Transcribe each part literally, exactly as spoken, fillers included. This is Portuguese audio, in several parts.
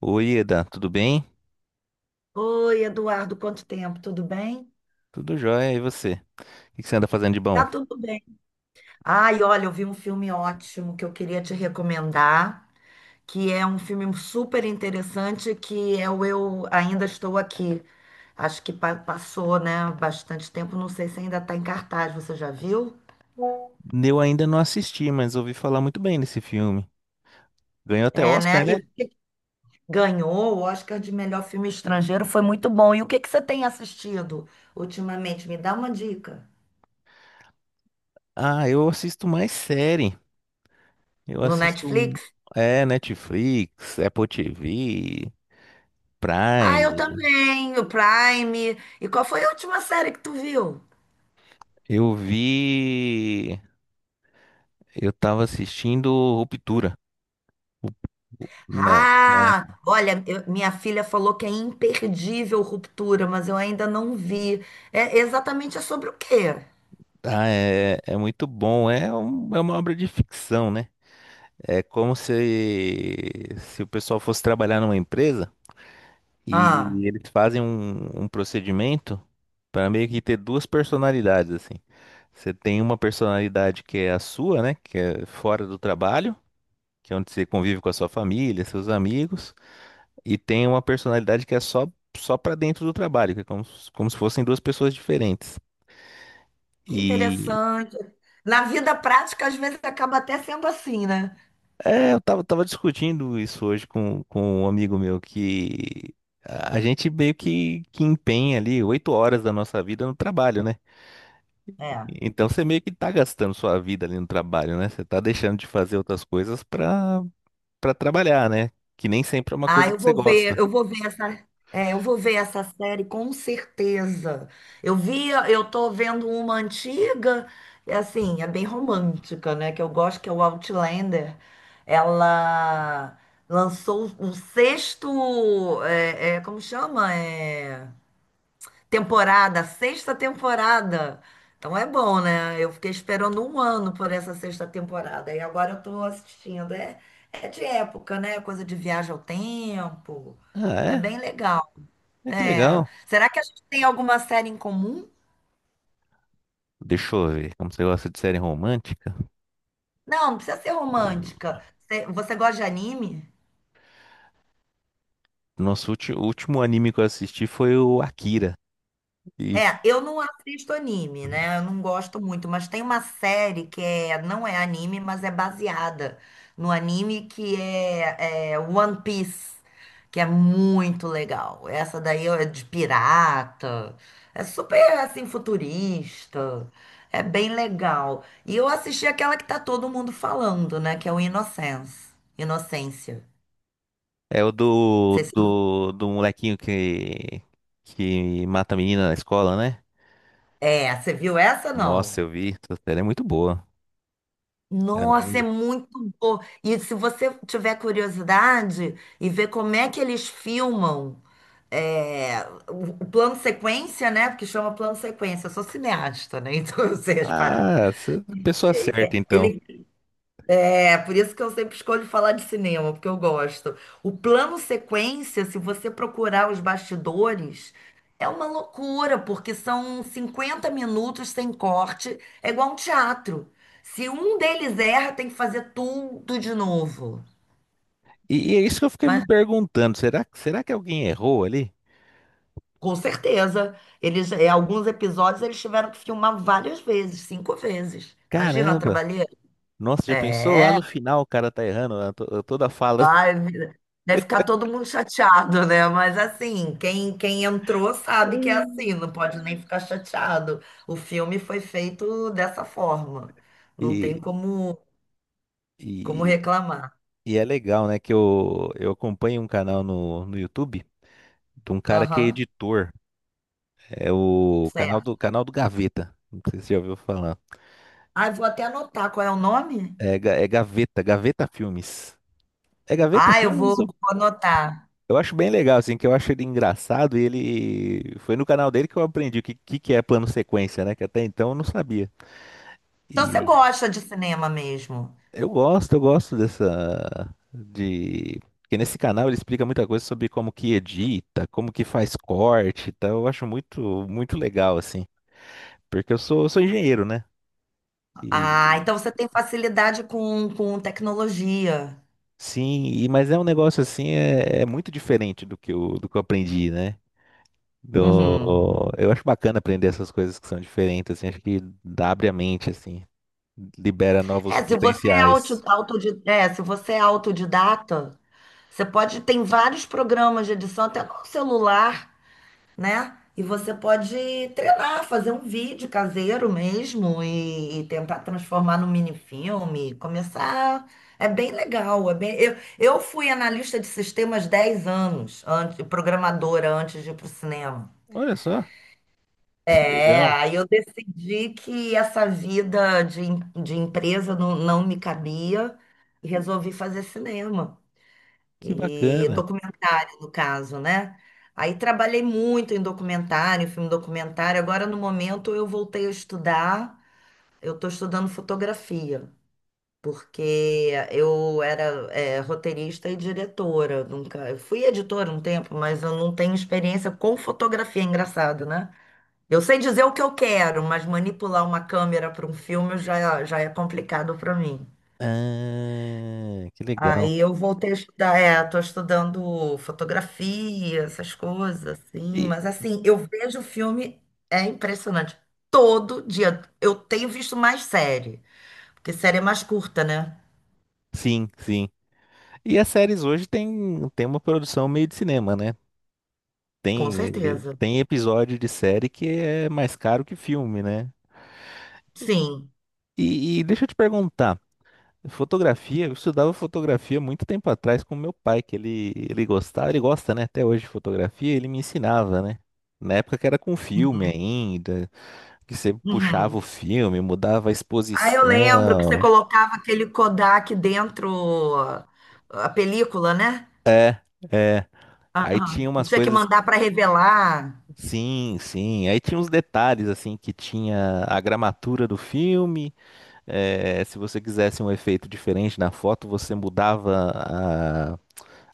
Oi, Eda, tudo bem? Oi, Eduardo, quanto tempo? Tudo bem? Tudo jóia, e você? O que que você anda fazendo de Tá bom? tudo bem. Ai, olha, eu vi um filme ótimo que eu queria te recomendar, que é um filme super interessante, que é o Eu Ainda Estou Aqui. Acho que pa- passou, né, bastante tempo, não sei se ainda está em cartaz, você já viu? Eu ainda não assisti, mas ouvi falar muito bem desse filme. Ganhou até É, Oscar, né? E né? o que que ganhou o Oscar de melhor filme estrangeiro, foi muito bom. E o que que você tem assistido ultimamente? Me dá uma dica. Ah, eu assisto mais série. Eu No assisto, um- Netflix? é, Netflix, Apple T V, Ah, eu Prime. também, o Prime. E qual foi a última série que tu viu? Eu vi, eu tava assistindo Ruptura na, na Ah, época. olha, eu- minha filha falou que é imperdível Ruptura, mas eu ainda não vi. É exatamente é sobre o quê? Ah, é, é muito bom. É, um- é uma obra de ficção, né? É como se, se o pessoal fosse trabalhar numa empresa. Ah, E eles fazem um, um procedimento para meio que ter duas personalidades, assim. Você tem uma personalidade que é a sua, né? Que é fora do trabalho, que é onde você convive com a sua família, seus amigos, e tem uma personalidade que é só só para dentro do trabalho, que é como, se- como se fossem duas pessoas diferentes. que E interessante. Na vida prática, às vezes acaba até sendo assim, né? é, eu tava, tava discutindo isso hoje com, com um amigo meu que a a gente meio que, que empenha ali oito horas da nossa vida no trabalho, né? É. Então você meio que tá gastando sua vida ali no trabalho, né? Você tá deixando de fazer outras coisas pra, pra trabalhar, né? Que nem sempre é uma Ah, coisa eu que você vou ver, gosta. eu vou ver essa, é, eu vou ver essa série com certeza. Eu via, eu tô vendo uma antiga, é assim, é bem romântica, né? Que eu gosto, que é o Outlander. Ela lançou o sexto, é, é, como chama? é. Temporada, sexta temporada. Então é bom, né? Eu fiquei esperando um ano por essa sexta temporada. E agora eu tô assistindo. É, é de época, né? Coisa de viagem ao tempo. É Ah, bem legal. é? É que É. legal. Será que a gente tem alguma série em comum? Deixa eu ver, como você gosta de série romântica? Não, não precisa ser romântica. Você você gosta de anime? Nosso ulti- o último anime que eu assisti foi o Akira. E f- É, eu não assisto anime, né? Eu não gosto muito, mas tem uma série que é, não é anime, mas é baseada no anime que é, é One Piece, que é muito legal. Essa daí é de pirata, é super assim futurista, é bem legal. E eu assisti aquela que tá todo mundo falando, né? Que é o Innocence, Inocência. Não É o do, sei se- do, do molequinho que, que mata a menina na escola, né? É, você viu essa Nossa, não? eu vi. Essa série é muito boa. Nossa, é Caramba. muito bom. E se você tiver curiosidade e ver como é que eles filmam é, o o plano sequência, né? Porque chama plano sequência, eu sou cineasta, né? Então eu sei as paradas. Ah, cê- pessoa certa, então. Ele é por isso que eu sempre escolho falar de cinema, porque eu gosto. O plano sequência, se você procurar os bastidores, é uma loucura, porque são cinquenta minutos sem corte, é igual um teatro. Se um deles erra, tem que fazer tudo de novo. E, e é isso que eu fiquei me Mas, perguntando. Será, será que alguém errou ali? com certeza, eles, é, alguns episódios eles tiveram que filmar várias vezes, cinco vezes. Imagina a Caramba. trabalheira. Nossa, já pensou lá É. no final o cara tá errando a to- a toda a fala? Vai, vira- deve ficar todo mundo chateado, né? Mas assim, quem, quem entrou sabe que é Hum. assim, não pode nem ficar chateado. O filme foi feito dessa forma. Não E, tem como, como e, reclamar. e é legal, né? Que eu, eu acompanho um canal no, no YouTube de um cara que é Aham, editor. É o canal certo. do, canal do Gaveta. Não sei se você já ouviu falar. Ah, eu vou até anotar qual é o nome. É, Ga- é Gaveta, Gaveta Filmes. É Gaveta Ah, eu vou, Filmes? Eu vou anotar. eu acho bem legal, assim, que eu acho ele engraçado e ele... Foi no canal dele que eu aprendi o que, que que é plano sequência, né? Que até então eu não sabia. Então você E gosta de cinema mesmo. eu gosto, eu gosto dessa... De... Porque nesse canal ele explica muita coisa sobre como que edita, como que faz corte e tal. Eu acho muito, muito legal, assim. Porque eu sou, eu sou engenheiro, né? Ah, então você tem facilidade com, com tecnologia. Sim, e- mas é um negócio assim, é, é muito diferente do que eu, do que eu aprendi, né? Uhum. Do, eu acho bacana aprender essas coisas que são diferentes, assim, acho que abre a mente, assim, libera novos É, se você é autodi- potenciais. autodi- é, se você é autodidata, você pode, tem vários programas de edição até no celular, né? E você pode treinar, fazer um vídeo caseiro mesmo e, e tentar transformar num minifilme, começar. É bem legal, é bem... Eu, eu fui analista de sistemas dez anos, antes, programadora antes de ir para o cinema. Olha só, que É, legal, aí eu decidi que essa vida de, em- de empresa não, não me cabia e resolvi fazer cinema. que E bacana. documentário, no caso, né? Aí trabalhei muito em documentário, filme documentário. Agora, no momento, eu voltei a estudar. Eu estou estudando fotografia, porque eu era, é, roteirista e diretora. Nunca, eu fui editora um tempo, mas eu não tenho experiência com fotografia. Engraçado, né? Eu sei dizer o que eu quero, mas manipular uma câmera para um filme já, já é complicado para mim. Ah, que legal. Aí eu voltei a estudar, é, tô estudando fotografia, essas coisas, assim, E mas assim, eu vejo filme, é impressionante. Todo dia. Eu tenho visto mais série, porque série é mais curta, né? sim, sim. E as séries hoje tem, tem uma produção meio de cinema, né? Com Tem, eh, certeza. tem episódio de série que é mais caro que filme, né? Sim. E, e deixa eu te perguntar. Fotografia, eu estudava fotografia muito tempo atrás com meu pai, que ele, ele gostava, ele gosta, né, até hoje de fotografia, ele me ensinava, né? Na época que era com filme Uhum. ainda, que você puxava o Uhum. filme, mudava a Ah, eu lembro que você exposição. colocava aquele Kodak dentro ó, a película, né? É, aí Aham. tinha E umas tinha que coisas, mandar para revelar. sim, sim, aí tinha uns detalhes assim que tinha a gramatura do filme, é, se você quisesse um efeito diferente na foto, você mudava a,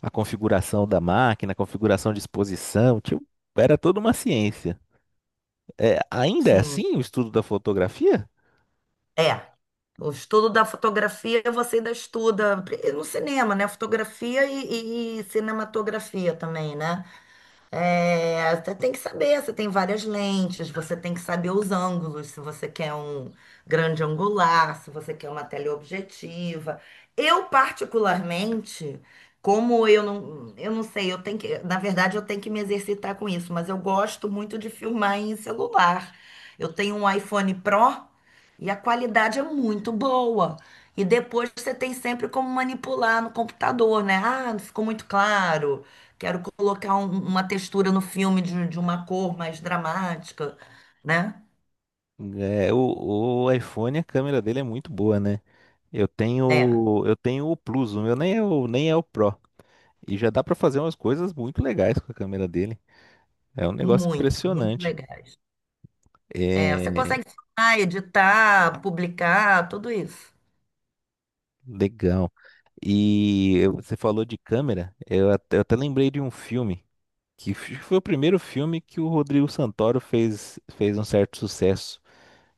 a configuração da máquina, a configuração de exposição, tipo, era toda uma ciência. É, ainda é Sim. assim o estudo da fotografia? É. O estudo da fotografia você ainda estuda pri- no cinema, né? Fotografia e, e- e cinematografia também, né? É, você tem que saber, você tem várias lentes, você tem que saber os ângulos, se você quer um grande angular, se você quer uma teleobjetiva. Eu, particularmente, como eu não, eu não sei, eu tenho que, na verdade, eu tenho que me exercitar com isso, mas eu gosto muito de filmar em celular. Eu tenho um iPhone Pro e a qualidade é muito boa. E depois você tem sempre como manipular no computador, né? Ah, não ficou muito claro. Quero colocar um- uma textura no filme de, de uma cor mais dramática, né? É, o, o iPhone, a câmera dele é muito boa, né? Eu É, tenho, eu tenho o Plus, o meu nem é o, nem é o Pro. E já dá pra fazer umas coisas muito legais com a câmera dele. É um negócio muito, muito impressionante. legais. É, você É, consegue filmar, editar, publicar, tudo isso. legal. E eu- você falou de câmera, eu até, eu até lembrei de um filme, que f- foi o primeiro filme que o Rodrigo Santoro fez, fez um certo sucesso,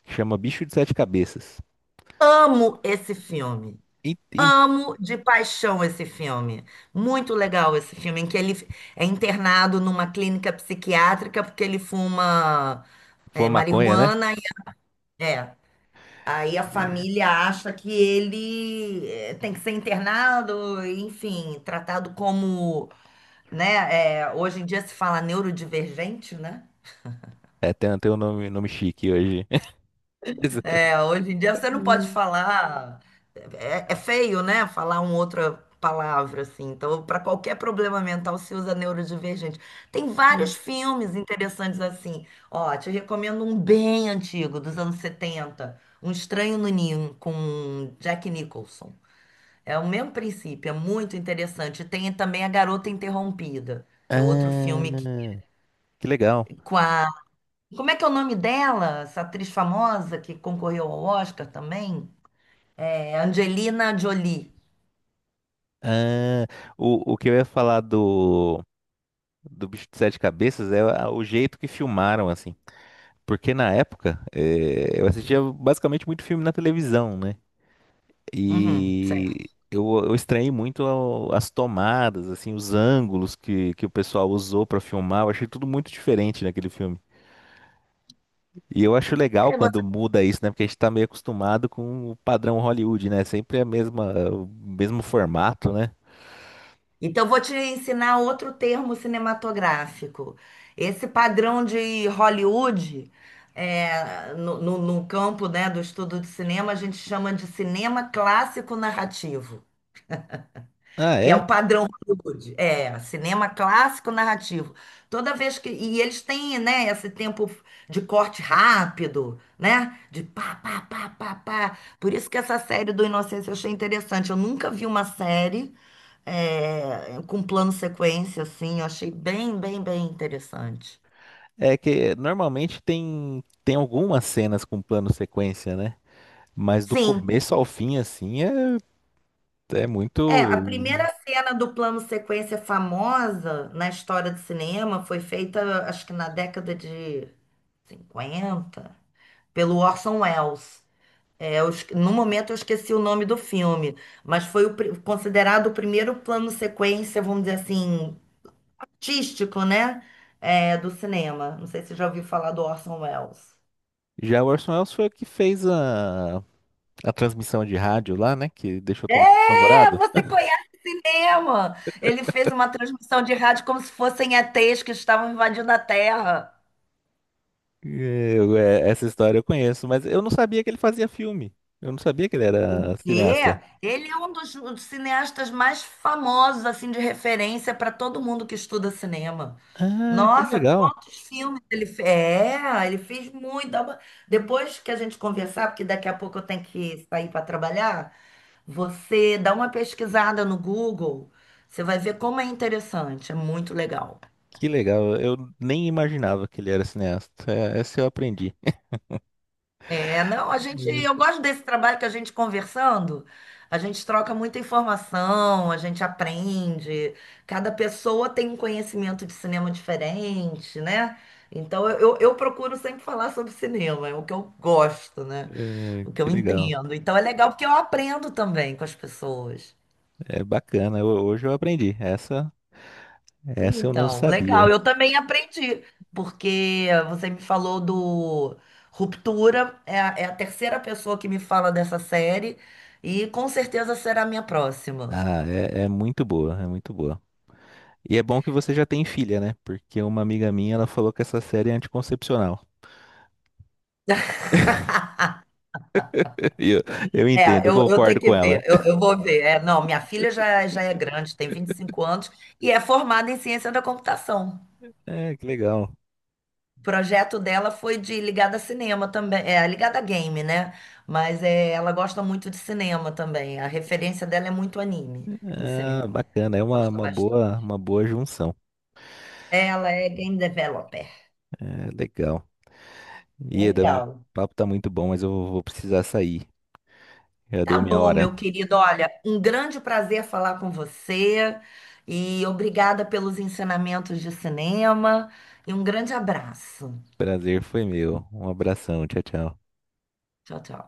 que chama Bicho de Sete Cabeças. Amo esse filme. E, e- Amo de paixão esse filme. Muito legal esse filme, em que ele é internado numa clínica psiquiátrica porque ele fuma foi é, maconha, né? marihuana. e- É. Aí a E- família acha que ele eh, tem que ser internado, enfim, tratado como, né? Eh, hoje em dia se fala neurodivergente, né? É, tem, tem um nome, nome chique hoje. Mas- É, hoje em dia você não pode Hum, falar, é, é feio, né? Falar uma outra palavra assim. Então, para qualquer problema mental se usa neurodivergente. Tem vários hum. filmes interessantes assim. Ó, te recomendo um bem antigo, dos anos setenta, Um Estranho no Ninho, com Jack Nicholson. É o mesmo princípio, é muito interessante. Tem também A Garota Interrompida, que é outro Ah, filme que- que legal. com a. Como é que é o nome dela? Essa atriz famosa que concorreu ao Oscar também? É Angelina Jolie. Ah, o, o que eu ia falar do, do Bicho de Sete Cabeças é a- o jeito que filmaram, assim. Porque na época, eh, eu assistia basicamente muito filme na televisão, né? Uhum, E certo. eu, eu estranhei muito ao- as tomadas, assim, os ângulos que, que o pessoal usou pra filmar. Eu achei tudo muito diferente naquele filme. E eu acho legal É, quando você- muda isso, né? Porque a gente tá meio acostumado com o padrão Hollywood, né? Sempre a mesma, o mesmo formato, né? Então, eu vou te ensinar outro termo cinematográfico. Esse padrão de Hollywood, é, no, no no campo, né, do estudo de cinema, a gente chama de cinema clássico narrativo. Ah, Que é é? o padrão Hollywood. É, cinema clássico narrativo. Toda vez que. E eles têm, né, esse tempo de corte rápido, né? De pá, pá, pá, pá, pá. Por isso que essa série do Inocência eu achei interessante. Eu nunca vi uma série é, com plano sequência, assim. Eu achei bem, bem, bem interessante. É que normalmente tem, tem algumas cenas com plano sequência, né? Mas do Sim. começo ao fim, assim, é, é É, a muito. primeira cena do plano sequência famosa na história do cinema foi feita, acho que na década de cinquenta pelo Orson Welles. É, eu esque- no momento eu esqueci o nome do filme, mas foi o pri- considerado o primeiro plano sequência, vamos dizer assim, artístico, né? É, do cinema. Não sei se você já ouviu falar do Orson Welles. Já o Orson Welles foi o que fez a, a transmissão de rádio lá, né? Que deixou todo mundo É, apavorado. você conhece cinema! Ele fez uma transmissão de rádio como se fossem E Ts que estavam invadindo a Terra. Eu, é, essa história eu conheço, mas eu não sabia que ele fazia filme. Eu não sabia que ele O era quê? cineasta. Ele é um dos um dos cineastas mais famosos, assim, de referência para todo mundo que estuda cinema. Ah, que Nossa, legal. quantos filmes ele fez? É, ele fez muito. Dá uma- Depois que a gente conversar, porque daqui a pouco eu tenho que sair para trabalhar, você dá uma pesquisada no Google, você vai ver como é interessante, é muito legal. Que legal. Eu nem imaginava que ele era cineasta. É, essa eu aprendi. É, não, a gente, Hum. eu gosto desse trabalho que a gente conversando, a gente troca muita informação, a gente aprende, cada pessoa tem um conhecimento de cinema diferente, né? Então eu, eu eu procuro sempre falar sobre cinema, é o que eu gosto, né? É, O que eu que legal. entendo. Então é legal porque eu aprendo também com as pessoas. É bacana. Eu- hoje eu aprendi. Essa, essa eu não Então, legal. sabia. Eu também aprendi, porque você me falou do Ruptura, é a, é a terceira pessoa que me fala dessa série, e com certeza será a minha próxima. Ah, é, é muito boa. É muito boa. E é bom que você já tem filha, né? Porque uma amiga minha, ela falou que essa série é anticoncepcional. E eu, eu entendo, É, eu eu, eu tenho concordo que com ela. ver, eu, eu vou ver. É, não, minha filha já, já é grande, tem vinte e cinco anos, e é formada em ciência da computação. É, que legal. O projeto dela foi de ligada a cinema também, é ligada a game, né? Mas é, ela gosta muito de cinema também. A referência dela é muito anime em Ah, cinema. bacana, é uma, Gosta uma bastante. boa, uma boa junção. Ela é game developer. É, legal. Ieda, o Legal. papo tá muito bom, mas eu vou precisar sair. Já Tá deu minha bom, hora. meu querido. Olha, um grande prazer falar com você e obrigada pelos ensinamentos de cinema e um grande abraço. Prazer foi meu. Um abração, tchau, tchau. Tchau, tchau.